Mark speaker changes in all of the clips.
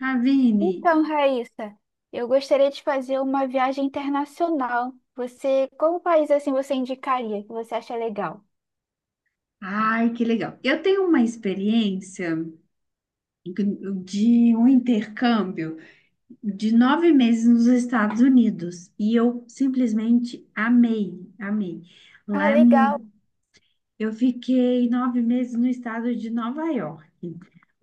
Speaker 1: Ravine,
Speaker 2: Então, Raíssa, eu gostaria de fazer uma viagem internacional. Você, qual país assim você indicaria que você acha legal?
Speaker 1: ai, que legal. Eu tenho uma experiência de um intercâmbio de 9 meses nos Estados Unidos e eu simplesmente amei, amei. Lá
Speaker 2: Ah,
Speaker 1: é
Speaker 2: legal.
Speaker 1: mu- eu fiquei 9 meses no estado de Nova York.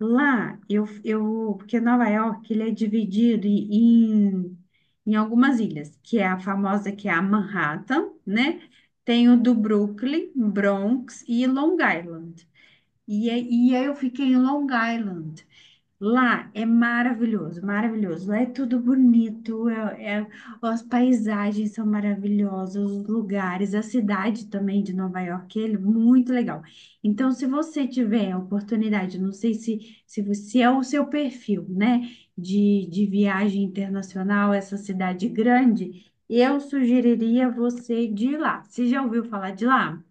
Speaker 1: Lá eu porque Nova York ele é dividido em algumas ilhas, que é a famosa que é a Manhattan, né? Tem o do Brooklyn, Bronx e Long Island. E aí eu fiquei em Long Island. Lá é maravilhoso, maravilhoso. Lá é tudo bonito, as paisagens são maravilhosas, os lugares, a cidade também de Nova York, é muito legal. Então, se você tiver a oportunidade, não sei se, se, você, é o seu perfil, né, de viagem internacional, essa cidade grande, eu sugeriria você de ir lá. Você já ouviu falar de lá?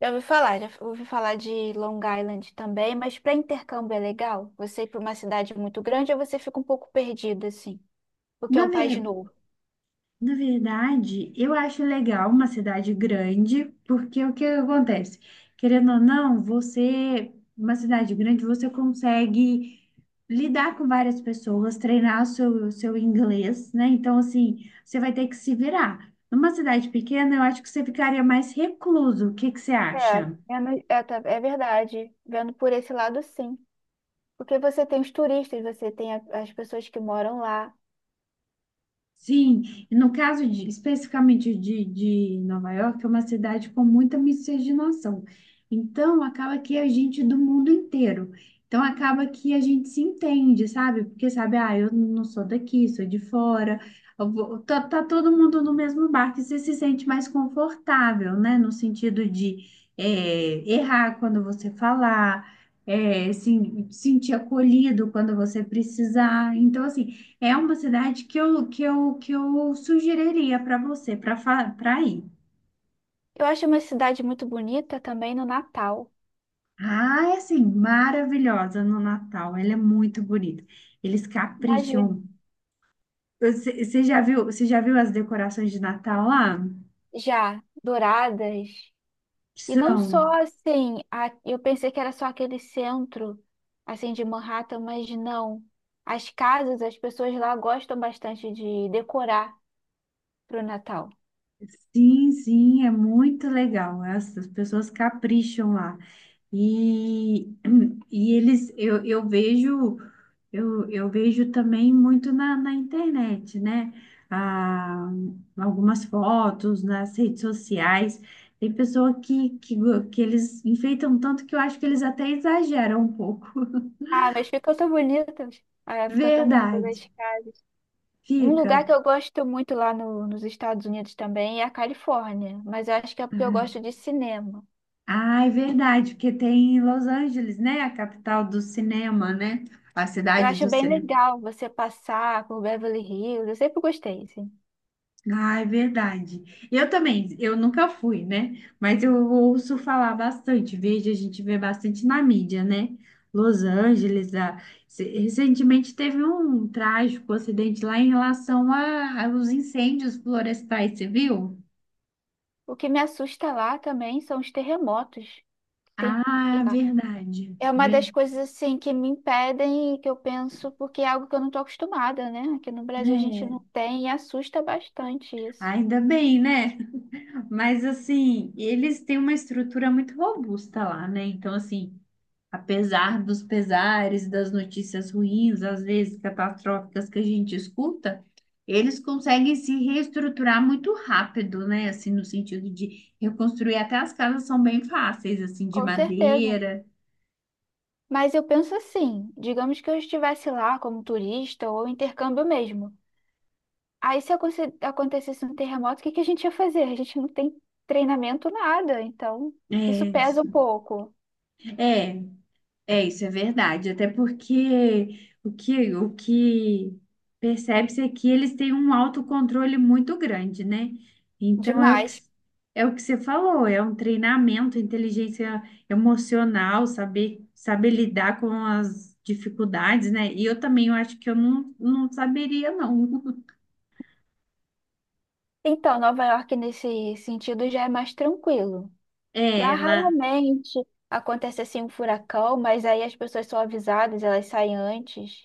Speaker 2: Já ouvi falar de Long Island também, mas para intercâmbio é legal? Você ir para uma cidade muito grande ou você fica um pouco perdida assim, porque é
Speaker 1: Na
Speaker 2: um país
Speaker 1: verdade.
Speaker 2: novo?
Speaker 1: Na verdade, eu acho legal uma cidade grande, porque o que acontece? Querendo ou não, você, uma cidade grande, você consegue lidar com várias pessoas, treinar o seu inglês, né? Então, assim, você vai ter que se virar. Numa cidade pequena, eu acho que você ficaria mais recluso. O que que você
Speaker 2: É,
Speaker 1: acha?
Speaker 2: é verdade. Vendo por esse lado, sim. Porque você tem os turistas, você tem as pessoas que moram lá.
Speaker 1: Sim, e no caso especificamente de Nova York, é uma cidade com muita miscigenação. Então, acaba que é gente do mundo inteiro. Então, acaba que a gente se entende, sabe? Porque, sabe, ah, eu não sou daqui, sou de fora. Tá, tá todo mundo no mesmo barco e você se sente mais confortável, né? No sentido de errar quando você falar, é, se, sentir acolhido quando você precisar. Então, assim, é uma cidade que eu sugeriria para você, para ir.
Speaker 2: Eu acho uma cidade muito bonita também no Natal.
Speaker 1: Ah, é assim, maravilhosa no Natal. Ela é muito bonita. Eles
Speaker 2: Imagina.
Speaker 1: capricham. Você já viu as decorações de Natal lá?
Speaker 2: Já, douradas. E não
Speaker 1: São.
Speaker 2: só assim, eu pensei que era só aquele centro, assim, de Manhattan, mas não. As casas, as pessoas lá gostam bastante de decorar pro Natal.
Speaker 1: Sim, sim, é muito legal. As pessoas capricham lá. E, eu vejo. Eu vejo também muito na internet, né? Ah, algumas fotos nas redes sociais. Tem pessoa que eles enfeitam tanto que eu acho que eles até exageram um pouco.
Speaker 2: Ah, mas ficam tão bonitas. Ah, ficam tão bonitas as
Speaker 1: Verdade.
Speaker 2: casas. Um lugar
Speaker 1: Fica.
Speaker 2: que eu gosto muito lá nos Estados Unidos também é a Califórnia, mas eu acho que é porque eu
Speaker 1: Uhum.
Speaker 2: gosto de cinema.
Speaker 1: Ah, é verdade, porque tem Los Angeles, né? A capital do cinema, né? A
Speaker 2: Eu
Speaker 1: cidade
Speaker 2: acho
Speaker 1: do
Speaker 2: bem
Speaker 1: cinema.
Speaker 2: legal você passar por Beverly Hills, eu sempre gostei, assim.
Speaker 1: Ah, é verdade. Eu também, eu nunca fui, né? Mas eu ouço falar bastante, vejo, a gente vê bastante na mídia, né? Los Angeles, a- se- recentemente teve um trágico acidente lá em aos incêndios florestais, você viu?
Speaker 2: O que me assusta lá também são os terremotos que tem
Speaker 1: Ah,
Speaker 2: lá.
Speaker 1: verdade.
Speaker 2: É uma
Speaker 1: Ver-
Speaker 2: das coisas assim que me impedem e que eu penso, porque é algo que eu não estou acostumada, né? Aqui no Brasil a gente
Speaker 1: É,
Speaker 2: não tem e assusta bastante isso.
Speaker 1: ainda bem, né? Mas assim, eles têm uma estrutura muito robusta lá, né? Então, assim. Apesar dos pesares, das notícias ruins, às vezes catastróficas que a gente escuta, eles conseguem se reestruturar muito rápido, né? Assim, no sentido de reconstruir até as casas são bem fáceis, assim, de
Speaker 2: Com certeza.
Speaker 1: madeira.
Speaker 2: Mas eu penso assim, digamos que eu estivesse lá como turista ou intercâmbio mesmo. Aí se acontecesse um terremoto, o que que a gente ia fazer? A gente não tem treinamento nada, então
Speaker 1: É
Speaker 2: isso pesa um
Speaker 1: isso.
Speaker 2: pouco
Speaker 1: É, É, isso é verdade. Até porque o que percebe-se é que eles têm um autocontrole muito grande, né? Então é o que,
Speaker 2: demais.
Speaker 1: é o que você falou, é um treinamento, inteligência emocional, saber lidar com as dificuldades, né? E eu também eu acho que eu não, não saberia, não.
Speaker 2: Então, Nova York nesse sentido já é mais tranquilo. Lá
Speaker 1: É, lá,
Speaker 2: raramente acontece assim um furacão, mas aí as pessoas são avisadas, elas saem antes.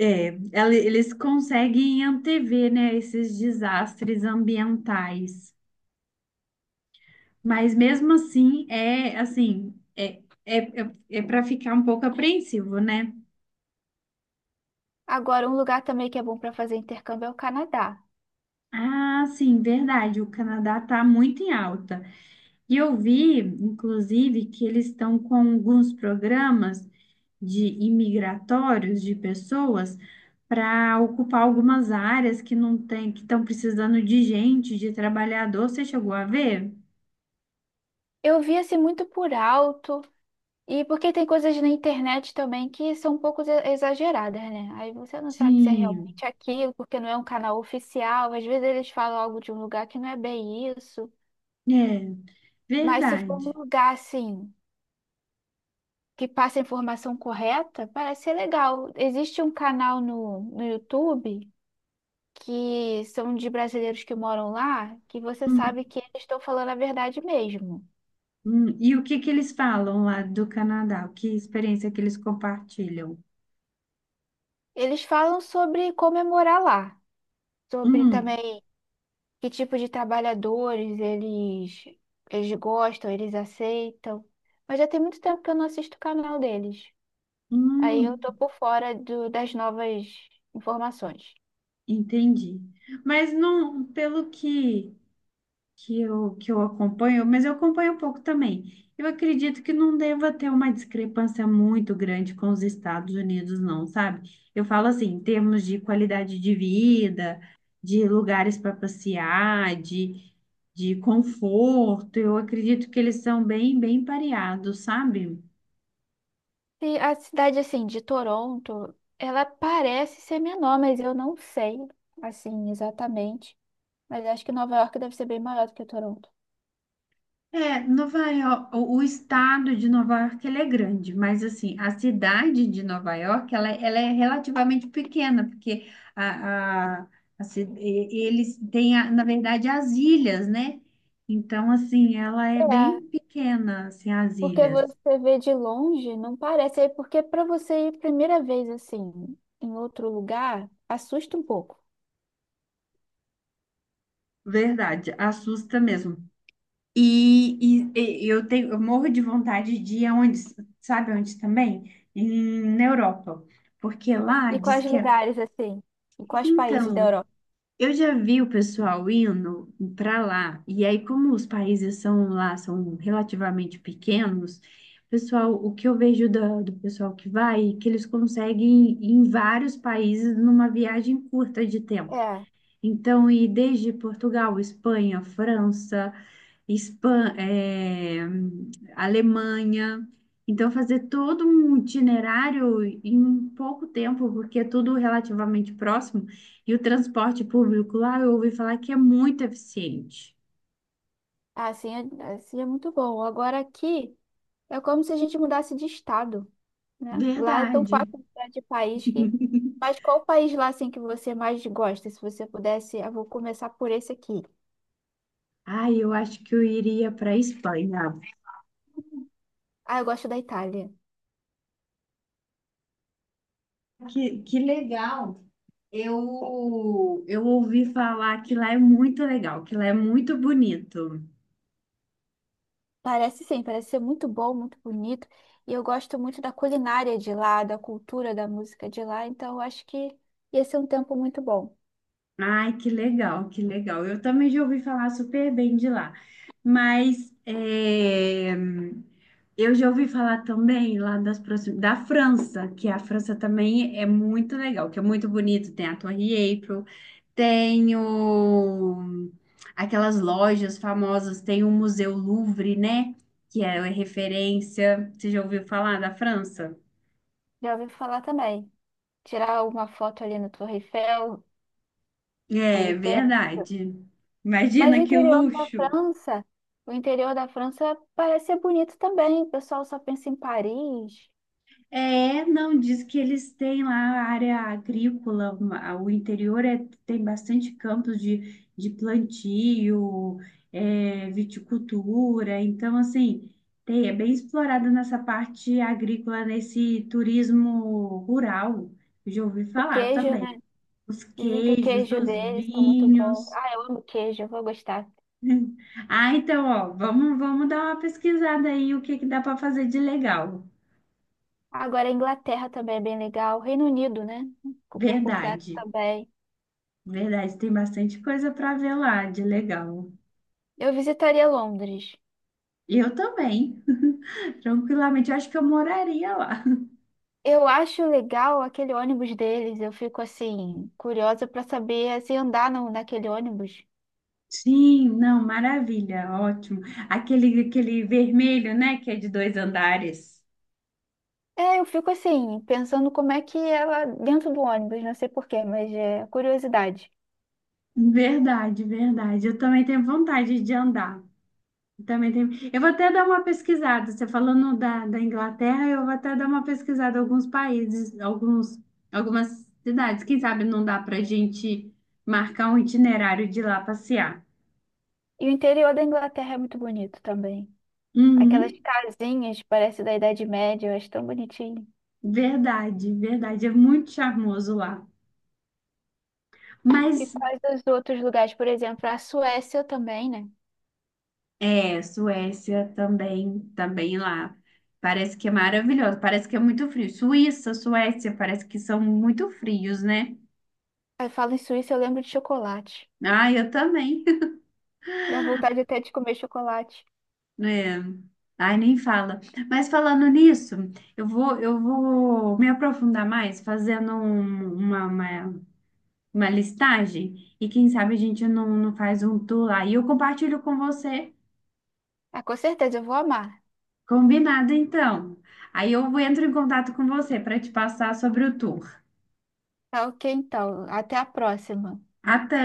Speaker 1: eles conseguem antever, né, esses desastres ambientais. Mas mesmo assim, é assim, é para ficar um pouco apreensivo, né?
Speaker 2: Agora, um lugar também que é bom para fazer intercâmbio é o Canadá.
Speaker 1: Ah, sim, verdade, o Canadá está muito em alta. E eu vi, inclusive, que eles estão com alguns programas de imigratórios de pessoas para ocupar algumas áreas que não tem, que estão precisando de gente, de trabalhador. Você chegou a ver?
Speaker 2: Eu vi assim muito por alto, e porque tem coisas na internet também que são um pouco exageradas, né? Aí você não sabe se é
Speaker 1: Sim,
Speaker 2: realmente aquilo, porque não é um canal oficial. Às vezes eles falam algo de um lugar que não é bem isso.
Speaker 1: é
Speaker 2: Mas se for um
Speaker 1: verdade.
Speaker 2: lugar assim. Que passa a informação correta, parece ser legal. Existe um canal no YouTube que são de brasileiros que moram lá, que você sabe que eles estão falando a verdade mesmo.
Speaker 1: E o que que eles falam lá do Canadá? Que experiência que eles compartilham?
Speaker 2: Eles falam sobre como é morar lá, sobre
Speaker 1: Hum,
Speaker 2: também que tipo de trabalhadores eles, eles gostam, eles aceitam. Mas já tem muito tempo que eu não assisto o canal deles. Aí eu
Speaker 1: hum,
Speaker 2: tô por fora das novas informações.
Speaker 1: entendi. Mas não, pelo que eu acompanho, mas eu acompanho um pouco também. Eu acredito que não deva ter uma discrepância muito grande com os Estados Unidos, não, sabe? Eu falo assim, em termos de qualidade de vida, de lugares para passear, de conforto, eu acredito que eles são bem, bem pareados, sabe?
Speaker 2: E a cidade, assim, de Toronto, ela parece ser menor, mas eu não sei, assim, exatamente. Mas acho que Nova York deve ser bem maior do que Toronto.
Speaker 1: É, Nova York, o estado de Nova York ele é grande, mas assim, a cidade de Nova York ela é relativamente pequena, porque a, a, eles têm, a- na verdade, as ilhas, né? Então, assim, ela é bem
Speaker 2: É,
Speaker 1: pequena, assim, as
Speaker 2: porque
Speaker 1: ilhas.
Speaker 2: você vê de longe, não parece. É. Porque para você ir primeira vez, assim, em outro lugar, assusta um pouco.
Speaker 1: Verdade, assusta mesmo. E eu tenho, eu morro de vontade de ir aonde, sabe onde também? Na Europa, porque lá
Speaker 2: E
Speaker 1: diz
Speaker 2: quais
Speaker 1: que é.
Speaker 2: lugares, assim? E quais países da
Speaker 1: Então.
Speaker 2: Europa?
Speaker 1: Eu já vi o pessoal indo para lá, e aí, como os países são lá, são relativamente pequenos, pessoal, o que eu vejo pessoal que vai é que eles conseguem ir em vários países numa viagem curta de tempo.
Speaker 2: É,
Speaker 1: Então, ir desde Portugal, Espanha, França, Espan- eh, Alemanha. Então, fazer todo um itinerário em pouco tempo, porque é tudo relativamente próximo, e o transporte público lá eu ouvi falar que é muito eficiente.
Speaker 2: assim, assim é muito bom. Agora aqui. É como se a gente mudasse de estado, né? Lá é tão
Speaker 1: Verdade.
Speaker 2: fácil mudar de país que. Mas qual país lá assim que você mais gosta? Se você pudesse, eu vou começar por esse aqui.
Speaker 1: Ai, eu acho que eu iria para a Espanha.
Speaker 2: Ah, eu gosto da Itália.
Speaker 1: Que legal. Eu ouvi falar que lá é muito legal, que lá é muito bonito.
Speaker 2: Parece sim, parece ser muito bom, muito bonito. E eu gosto muito da culinária de lá, da cultura, da música de lá. Então eu acho que ia ser um tempo muito bom.
Speaker 1: Ai, que legal, que legal. Eu também já ouvi falar super bem de lá. Mas é, eu já ouvi falar também lá da França, que a França também é muito legal, que é muito bonito. Tem a Torre Eiffel, tem o- aquelas lojas famosas, tem o Museu Louvre, né? Que é referência. Você já ouviu falar da França?
Speaker 2: Já ouvi falar também. Tirar uma foto ali na Torre Eiffel,
Speaker 1: É
Speaker 2: ali.
Speaker 1: verdade.
Speaker 2: Mas o
Speaker 1: Imagina que
Speaker 2: interior da
Speaker 1: luxo.
Speaker 2: França, o interior da França parece ser bonito também. O pessoal só pensa em Paris.
Speaker 1: É, não, diz que eles têm lá a área agrícola, o interior tem bastante campos de plantio, é, viticultura, então, assim, é bem explorada nessa parte agrícola, nesse turismo rural, eu já ouvi
Speaker 2: O
Speaker 1: falar
Speaker 2: queijo,
Speaker 1: também,
Speaker 2: né?
Speaker 1: os
Speaker 2: Dizem que o
Speaker 1: queijos,
Speaker 2: queijo
Speaker 1: os
Speaker 2: deles está muito bom.
Speaker 1: vinhos.
Speaker 2: Ah, eu amo queijo, eu vou gostar.
Speaker 1: Ah, então, ó, vamos, vamos dar uma pesquisada aí, o que que dá para fazer de legal,
Speaker 2: Agora, a Inglaterra também é bem legal. Reino Unido, né? Por completo
Speaker 1: verdade.
Speaker 2: também.
Speaker 1: Verdade, tem bastante coisa para ver lá de legal.
Speaker 2: Eu visitaria Londres.
Speaker 1: E eu também, tranquilamente. Eu acho que eu moraria lá.
Speaker 2: Eu acho legal aquele ônibus deles. Eu fico assim, curiosa para saber se andar no, naquele ônibus.
Speaker 1: Sim, não, maravilha, ótimo. Aquele, aquele vermelho, né, que é de dois andares.
Speaker 2: É, eu fico assim, pensando como é que é lá dentro do ônibus, não sei porquê, mas é curiosidade.
Speaker 1: Verdade, verdade. Eu também tenho vontade de andar. Eu Também tenho. Eu vou até dar uma pesquisada. Você falando da Inglaterra, eu vou até dar uma pesquisada em alguns países, alguns, algumas cidades. Quem sabe não dá para a gente marcar um itinerário de ir lá passear.
Speaker 2: E o interior da Inglaterra é muito bonito também. Aquelas
Speaker 1: Uhum,
Speaker 2: casinhas, parece da Idade Média, eu acho tão bonitinho.
Speaker 1: verdade, verdade. É muito charmoso lá.
Speaker 2: E
Speaker 1: Mas
Speaker 2: quais os outros lugares, por exemplo, a Suécia também, né?
Speaker 1: é, Suécia também, também lá. Parece que é maravilhoso, parece que é muito frio. Suíça, Suécia, parece que são muito frios, né?
Speaker 2: Aí falo em Suíça, eu lembro de chocolate.
Speaker 1: Ah, eu também.
Speaker 2: Dá vontade até de comer chocolate.
Speaker 1: É. Ai, nem fala. Mas falando nisso, eu vou me aprofundar mais fazendo uma listagem e quem sabe a gente não faz um tour lá. E eu compartilho com você.
Speaker 2: Ah, com certeza, eu vou amar.
Speaker 1: Combinado, então. Aí eu entro em contato com você para te passar sobre o tour.
Speaker 2: Tá, ok, então. Até a próxima.
Speaker 1: Até!